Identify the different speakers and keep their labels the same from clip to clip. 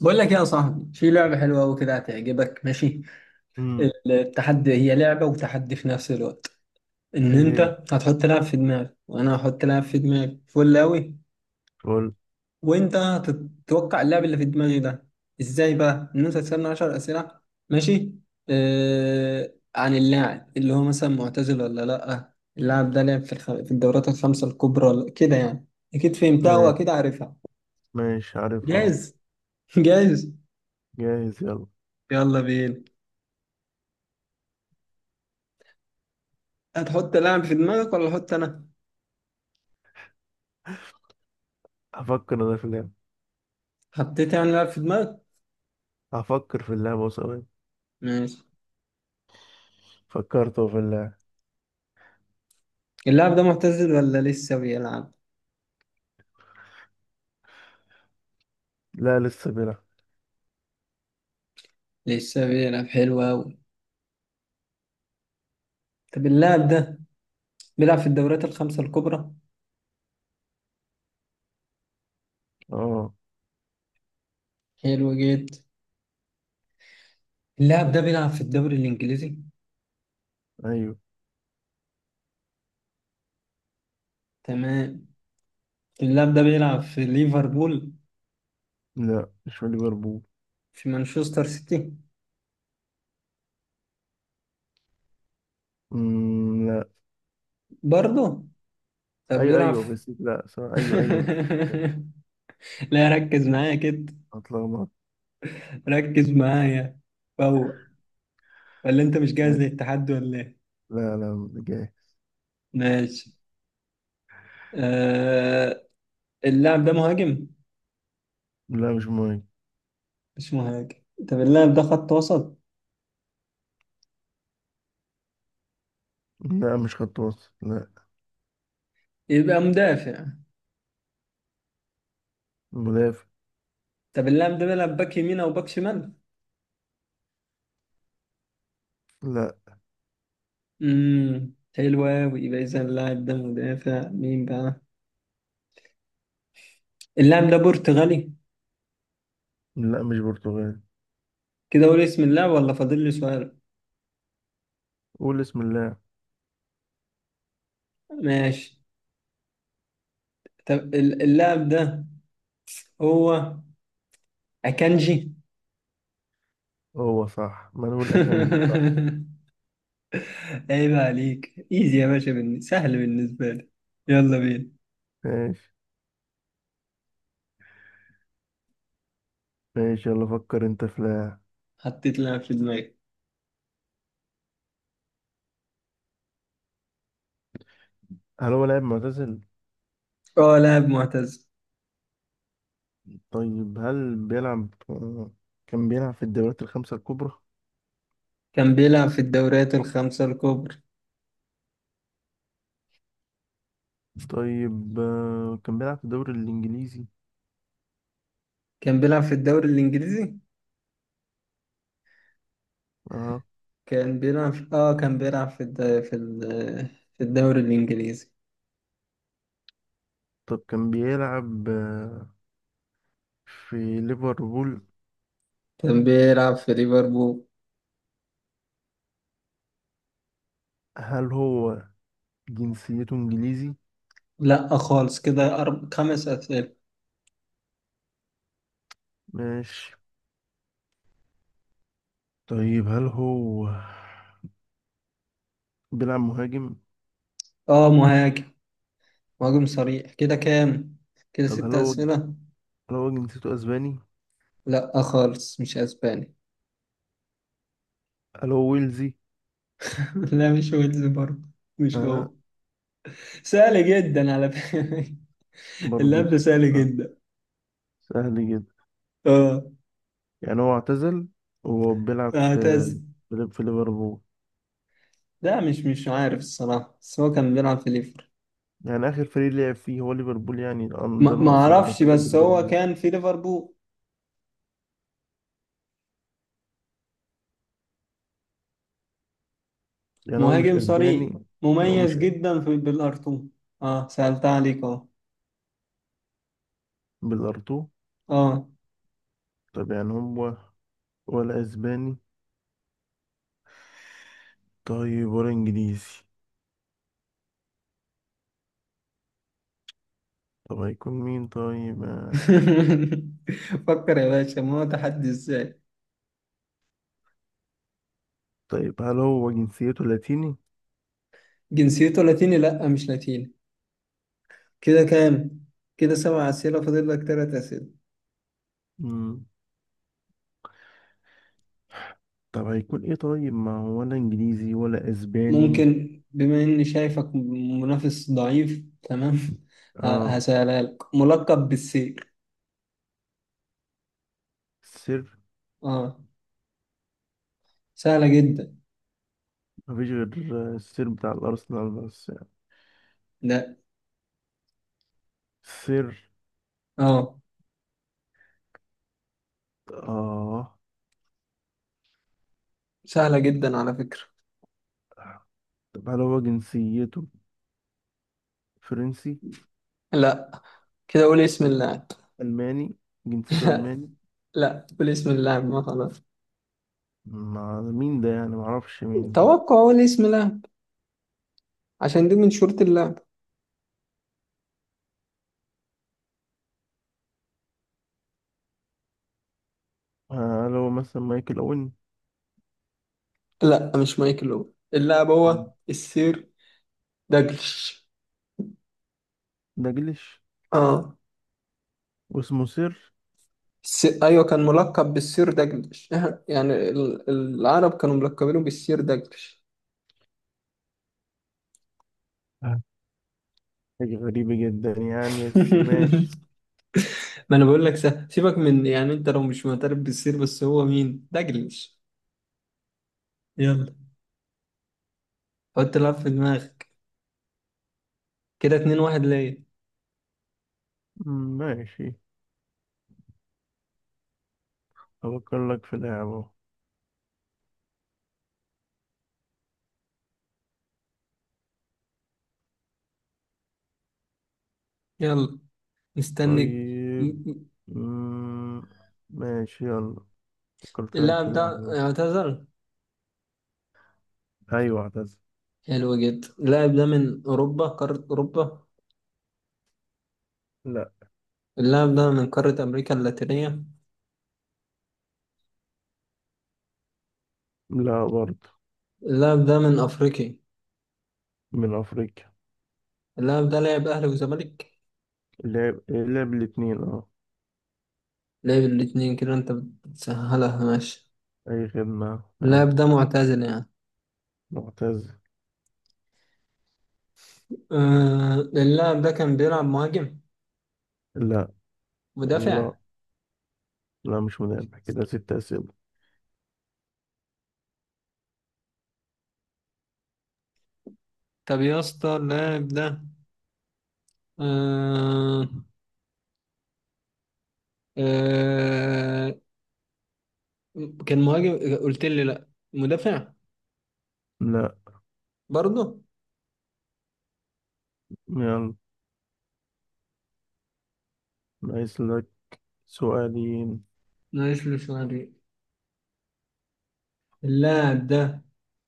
Speaker 1: بقول لك يا صاحبي في لعبة حلوة وكده هتعجبك، ماشي.
Speaker 2: امم
Speaker 1: التحدي هي لعبة وتحدي في نفس الوقت. ان
Speaker 2: ايه.
Speaker 1: انت
Speaker 2: هي.
Speaker 1: هتحط لعب في دماغك وانا هحط لعب في دماغي فل اوي.
Speaker 2: قول.
Speaker 1: وانت هتتوقع اللعب اللي في دماغي ده ازاي؟ بقى ان انت تسألني 10 اسئلة، ماشي؟ عن اللاعب اللي هو مثلا معتزل ولا لا، اللاعب ده لعب في الدورات الخمسة الكبرى ولا كده يعني. اكيد فهمتها
Speaker 2: ما-
Speaker 1: واكيد عارفها.
Speaker 2: ماشي عارفها اهو.
Speaker 1: جاهز؟ جاهز،
Speaker 2: جاهز؟ يلا.
Speaker 1: يلا بينا. هتحط لاعب في دماغك ولا احط انا؟
Speaker 2: هفكر انا في اللعبة.
Speaker 1: حطيت يعني لاعب في دماغك؟
Speaker 2: هفكر في اللعبة ثواني.
Speaker 1: ماشي.
Speaker 2: فكرت أهو في اللعبة.
Speaker 1: اللاعب ده معتزل ولا لسه بيلعب؟
Speaker 2: لا، لسه بيلعب.
Speaker 1: لسه بيلعب، حلو أوي. طب اللاعب ده بيلعب في الدوريات الخمسة الكبرى؟
Speaker 2: اه.
Speaker 1: حلو جدا. اللاعب ده بيلعب في الدوري الإنجليزي؟
Speaker 2: ايوه.
Speaker 1: تمام. اللاعب ده بيلعب في ليفربول؟
Speaker 2: لا، مش في ليفربول.
Speaker 1: في مانشستر سيتي؟
Speaker 2: لا.
Speaker 1: برضه. طب
Speaker 2: ايوه،
Speaker 1: بيلعب
Speaker 2: ايوه،
Speaker 1: في...
Speaker 2: بس لا، سوري. ايوه، ايوه،
Speaker 1: لا، ركز معايا كده،
Speaker 2: اتلخبط.
Speaker 1: ركز معايا فوق. ولا انت مش جاهز للتحدي ولا ايه؟
Speaker 2: لا، لا، جاهز.
Speaker 1: ماشي. آه... اللاعب ده مهاجم؟
Speaker 2: لا، مش مهم.
Speaker 1: مش مهاجم. طب اللاعب ده خط وسط؟
Speaker 2: لا، مش خط وسط، لا.
Speaker 1: يبقى مدافع.
Speaker 2: مدافع.
Speaker 1: طب اللاعب ده بيلعب باك يمين او باك شمال؟
Speaker 2: لا.
Speaker 1: حلو قوي. يبقى اذا اللاعب ده مدافع، مين بقى؟ اللاعب ده برتغالي؟
Speaker 2: لا، مش برتغالي.
Speaker 1: كده اقول اسم اللاعب ولا فاضل لي سؤال؟
Speaker 2: قول اسم اللاعب.
Speaker 1: ماشي. طب اللاعب ده هو اكانجي.
Speaker 2: هو صح؟ مانويل اكانجي، صح؟
Speaker 1: عيب عليك، ايزي يا باشا، سهل بالنسبه لي. يلا بينا.
Speaker 2: ماشي. ماشي، يلا، فكر انت في لاعب.
Speaker 1: حطيت لاعب في دماغي.
Speaker 2: هل هو لاعب معتزل؟
Speaker 1: اه لاعب معتز.
Speaker 2: طيب، هل بيلعب كان بيلعب في الدوريات الخمسة الكبرى؟
Speaker 1: كان بيلعب في الدوريات الخمسه الكبرى.
Speaker 2: طيب كان بيلعب في الدوري الإنجليزي؟
Speaker 1: كان بيلعب في الدوري الإنجليزي.
Speaker 2: اه.
Speaker 1: كان بيلعب في الد... في ال... في الدوري الإنجليزي.
Speaker 2: طب كان بيلعب في ليفربول؟
Speaker 1: كان بيلعب في ليفربول.
Speaker 2: هل هو جنسيته إنجليزي؟
Speaker 1: لا خالص. كده خمس أسئلة.
Speaker 2: ماشي. طيب، هل هو بيلعب مهاجم؟
Speaker 1: آه مهاجم، مهاجم صريح. كده كام؟ كده
Speaker 2: طب
Speaker 1: ست
Speaker 2: هل هو
Speaker 1: أسئلة.
Speaker 2: هل هو جنسيته أسباني؟
Speaker 1: لا خالص، مش أسباني.
Speaker 2: هل هو ويلزي؟
Speaker 1: لا، مش ويلز برضه، مش
Speaker 2: اه.
Speaker 1: هو. سهل جدا على فكرة.
Speaker 2: برضه.
Speaker 1: اللعب سهل
Speaker 2: آه.
Speaker 1: جدا.
Speaker 2: سهل جدا.
Speaker 1: آه.
Speaker 2: يعني هو اعتزل وهو بيلعب في
Speaker 1: هتس.
Speaker 2: في ليفربول؟
Speaker 1: لا، مش عارف الصراحة، بس هو كان بيلعب في ليفربول.
Speaker 2: يعني آخر فريق لعب فيه هو ليفربول؟ يعني
Speaker 1: ما
Speaker 2: ده
Speaker 1: ما
Speaker 2: النقص اللي
Speaker 1: اعرفش،
Speaker 2: مثلا
Speaker 1: بس هو
Speaker 2: ليفربول.
Speaker 1: كان في ليفربول.
Speaker 2: يعني هو مش
Speaker 1: مهاجم
Speaker 2: أسباني؟
Speaker 1: صريح،
Speaker 2: يعني هو
Speaker 1: مميز
Speaker 2: مش
Speaker 1: جدا في بالارتو. اه سألت عليك اهو.
Speaker 2: بالأرتو؟
Speaker 1: اه.
Speaker 2: طب يعني هو ولا أسباني؟ طيب ولا إنجليزي؟ طب هيكون مين طيب
Speaker 1: فكر يا باشا، ما هو تحدي ازاي.
Speaker 2: طيب هل هو جنسيته لاتيني؟
Speaker 1: جنسيته لاتيني؟ لا، مش لاتيني. كده كام؟ كده سبع اسئله، فاضل لك ثلاث اسئله.
Speaker 2: مم. طب هيكون إيه؟ طيب، ما هو ولا إنجليزي ولا أسباني.
Speaker 1: ممكن، بما اني شايفك منافس ضعيف، تمام. ه-
Speaker 2: آه.
Speaker 1: هسألها لك، ملقب بالسير.
Speaker 2: السر؟
Speaker 1: اه. سهله جدا.
Speaker 2: مفيش غير السر بتاع الأرسنال بس يعني.
Speaker 1: لا.
Speaker 2: السر؟
Speaker 1: اه.
Speaker 2: آه.
Speaker 1: سهله جدا على فكره.
Speaker 2: طب هل هو جنسيته فرنسي؟
Speaker 1: لا. كده قول اسم اللاعب.
Speaker 2: ألماني؟ جنسيته
Speaker 1: لا
Speaker 2: ألماني؟
Speaker 1: لا، قول اسم اللاعب ما خلاص.
Speaker 2: مع مين ده يعني؟ معرفش مين ده.
Speaker 1: توقع، قول اسم اللاعب، عشان دي من شروط اللاعب.
Speaker 2: هل هو مثلا مايكل أوين؟
Speaker 1: لا، مش مايكل اوين. اللاعب
Speaker 2: مم.
Speaker 1: هو السير داجلش.
Speaker 2: داجلش؟
Speaker 1: اه.
Speaker 2: واسمه سير؟
Speaker 1: ايوه، كان ملقب بالسير داجلش. يعني العرب كانوا ملقبينه بالسير داجلش.
Speaker 2: آه. حاجة غريبة جدا يعني، بس ماشي.
Speaker 1: ما انا بقول لك، سيبك من يعني، انت لو مش معترف بالسير، بس هو مين داجلش؟ يلا، حط لعب في دماغك، كده اتنين واحد ليا.
Speaker 2: ماشي، أفكر لك في لعبة.
Speaker 1: يلا، مستنك. م-
Speaker 2: طيب.
Speaker 1: م-
Speaker 2: مم، ماشي، يلا. فكرت لك
Speaker 1: اللاعب
Speaker 2: في
Speaker 1: ده
Speaker 2: لعبة.
Speaker 1: اعتزل؟
Speaker 2: أيوة، اعتزل.
Speaker 1: حلو جدا. اللاعب ده من أوروبا، قارة أوروبا؟
Speaker 2: لا.
Speaker 1: اللاعب ده من قارة أمريكا اللاتينية؟
Speaker 2: لا، برضه.
Speaker 1: اللاعب ده من أفريقيا؟
Speaker 2: من أفريقيا.
Speaker 1: اللاعب ده لعب أهلي وزمالك؟
Speaker 2: لعب الاتنين، اه.
Speaker 1: لعب الاتنين؟ كده أنت بتسهلها، ماشي.
Speaker 2: أي خدمة،
Speaker 1: اللاعب
Speaker 2: يلا.
Speaker 1: ده معتزل يعني.
Speaker 2: معتز.
Speaker 1: آه اللاعب ده كان بيلعب مهاجم؟
Speaker 2: لا. يلا.
Speaker 1: مدافع؟
Speaker 2: لا، مش منافع، كده 6 أسئلة.
Speaker 1: طب يا اسطى، اللاعب ده، آه آه كان مهاجم، قلت لي لأ، مدافع
Speaker 2: لا.
Speaker 1: برضه.
Speaker 2: يلا. ناقص لك سؤالين.
Speaker 1: ناقص لي شوية. اللاعب ده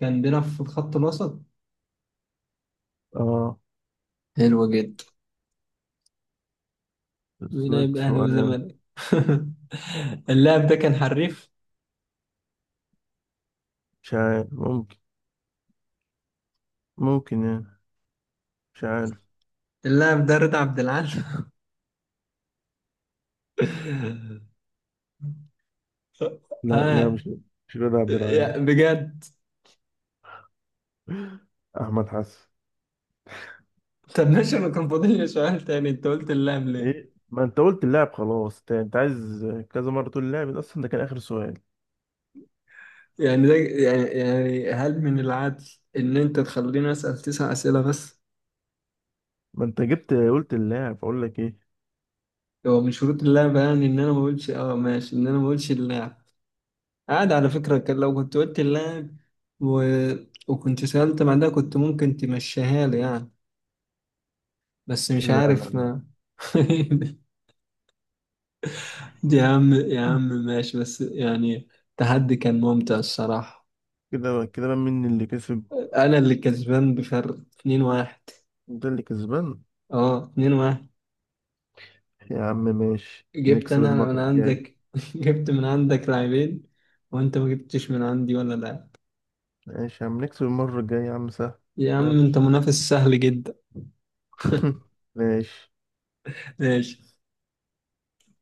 Speaker 1: كان بيلعب في الخط الوسط؟
Speaker 2: اه.
Speaker 1: حلو جدا.
Speaker 2: ناقص
Speaker 1: مين
Speaker 2: لك
Speaker 1: هيبقى أهلي
Speaker 2: سؤال.
Speaker 1: وزمالك؟ اللاعب ده كان حريف.
Speaker 2: مش عارف. ممكن يعني. مش عارف.
Speaker 1: اللاعب ده رضا عبد العال؟
Speaker 2: لا، لا،
Speaker 1: آه.
Speaker 2: مش رضا عبد العال.
Speaker 1: بجد.
Speaker 2: أحمد حسن.
Speaker 1: طب ماشي، أنا كان فاضل لي سؤال تاني، أنت قلت اللاعب ليه؟
Speaker 2: إيه؟ ما أنت قلت اللاعب خلاص، أنت عايز كذا مرة تقول اللاعب ده. أصلا ده كان آخر سؤال.
Speaker 1: يعني ده يعني هل من العدل إن أنت تخليني أسأل تسع أسئلة بس؟
Speaker 2: ما أنت جبت قلت اللاعب، أقول لك إيه؟
Speaker 1: هو من شروط اللعبة يعني، إن أنا ما أقولش، آه ماشي، إن أنا ما أقولش اللاعب. عادي على فكرة، كان لو كنت قلت اللاعب و... وكنت سألت بعدها، كنت ممكن تمشيها لي يعني. بس
Speaker 2: لا،
Speaker 1: مش
Speaker 2: لا،
Speaker 1: عارف
Speaker 2: لا.
Speaker 1: ما. دي يا عم، يا عم ماشي، بس يعني التحدي كان ممتع الصراحة.
Speaker 2: كده بقى مين اللي كسب؟
Speaker 1: أنا اللي كسبان بفرق 2-1.
Speaker 2: ده اللي كسبان.
Speaker 1: اه 2-1.
Speaker 2: يا عم ماشي،
Speaker 1: جبت
Speaker 2: نكسب
Speaker 1: أنا
Speaker 2: المرة
Speaker 1: من
Speaker 2: الجاية.
Speaker 1: عندك، جبت من عندك لاعبين، وأنت ما جبتش من عندي ولا لاعب.
Speaker 2: ماشي يا عم، نكسب المرة الجاية يا عم، سهل.
Speaker 1: يا عم
Speaker 2: يلا.
Speaker 1: أنت منافس سهل جدا.
Speaker 2: ماشي.
Speaker 1: ماشي.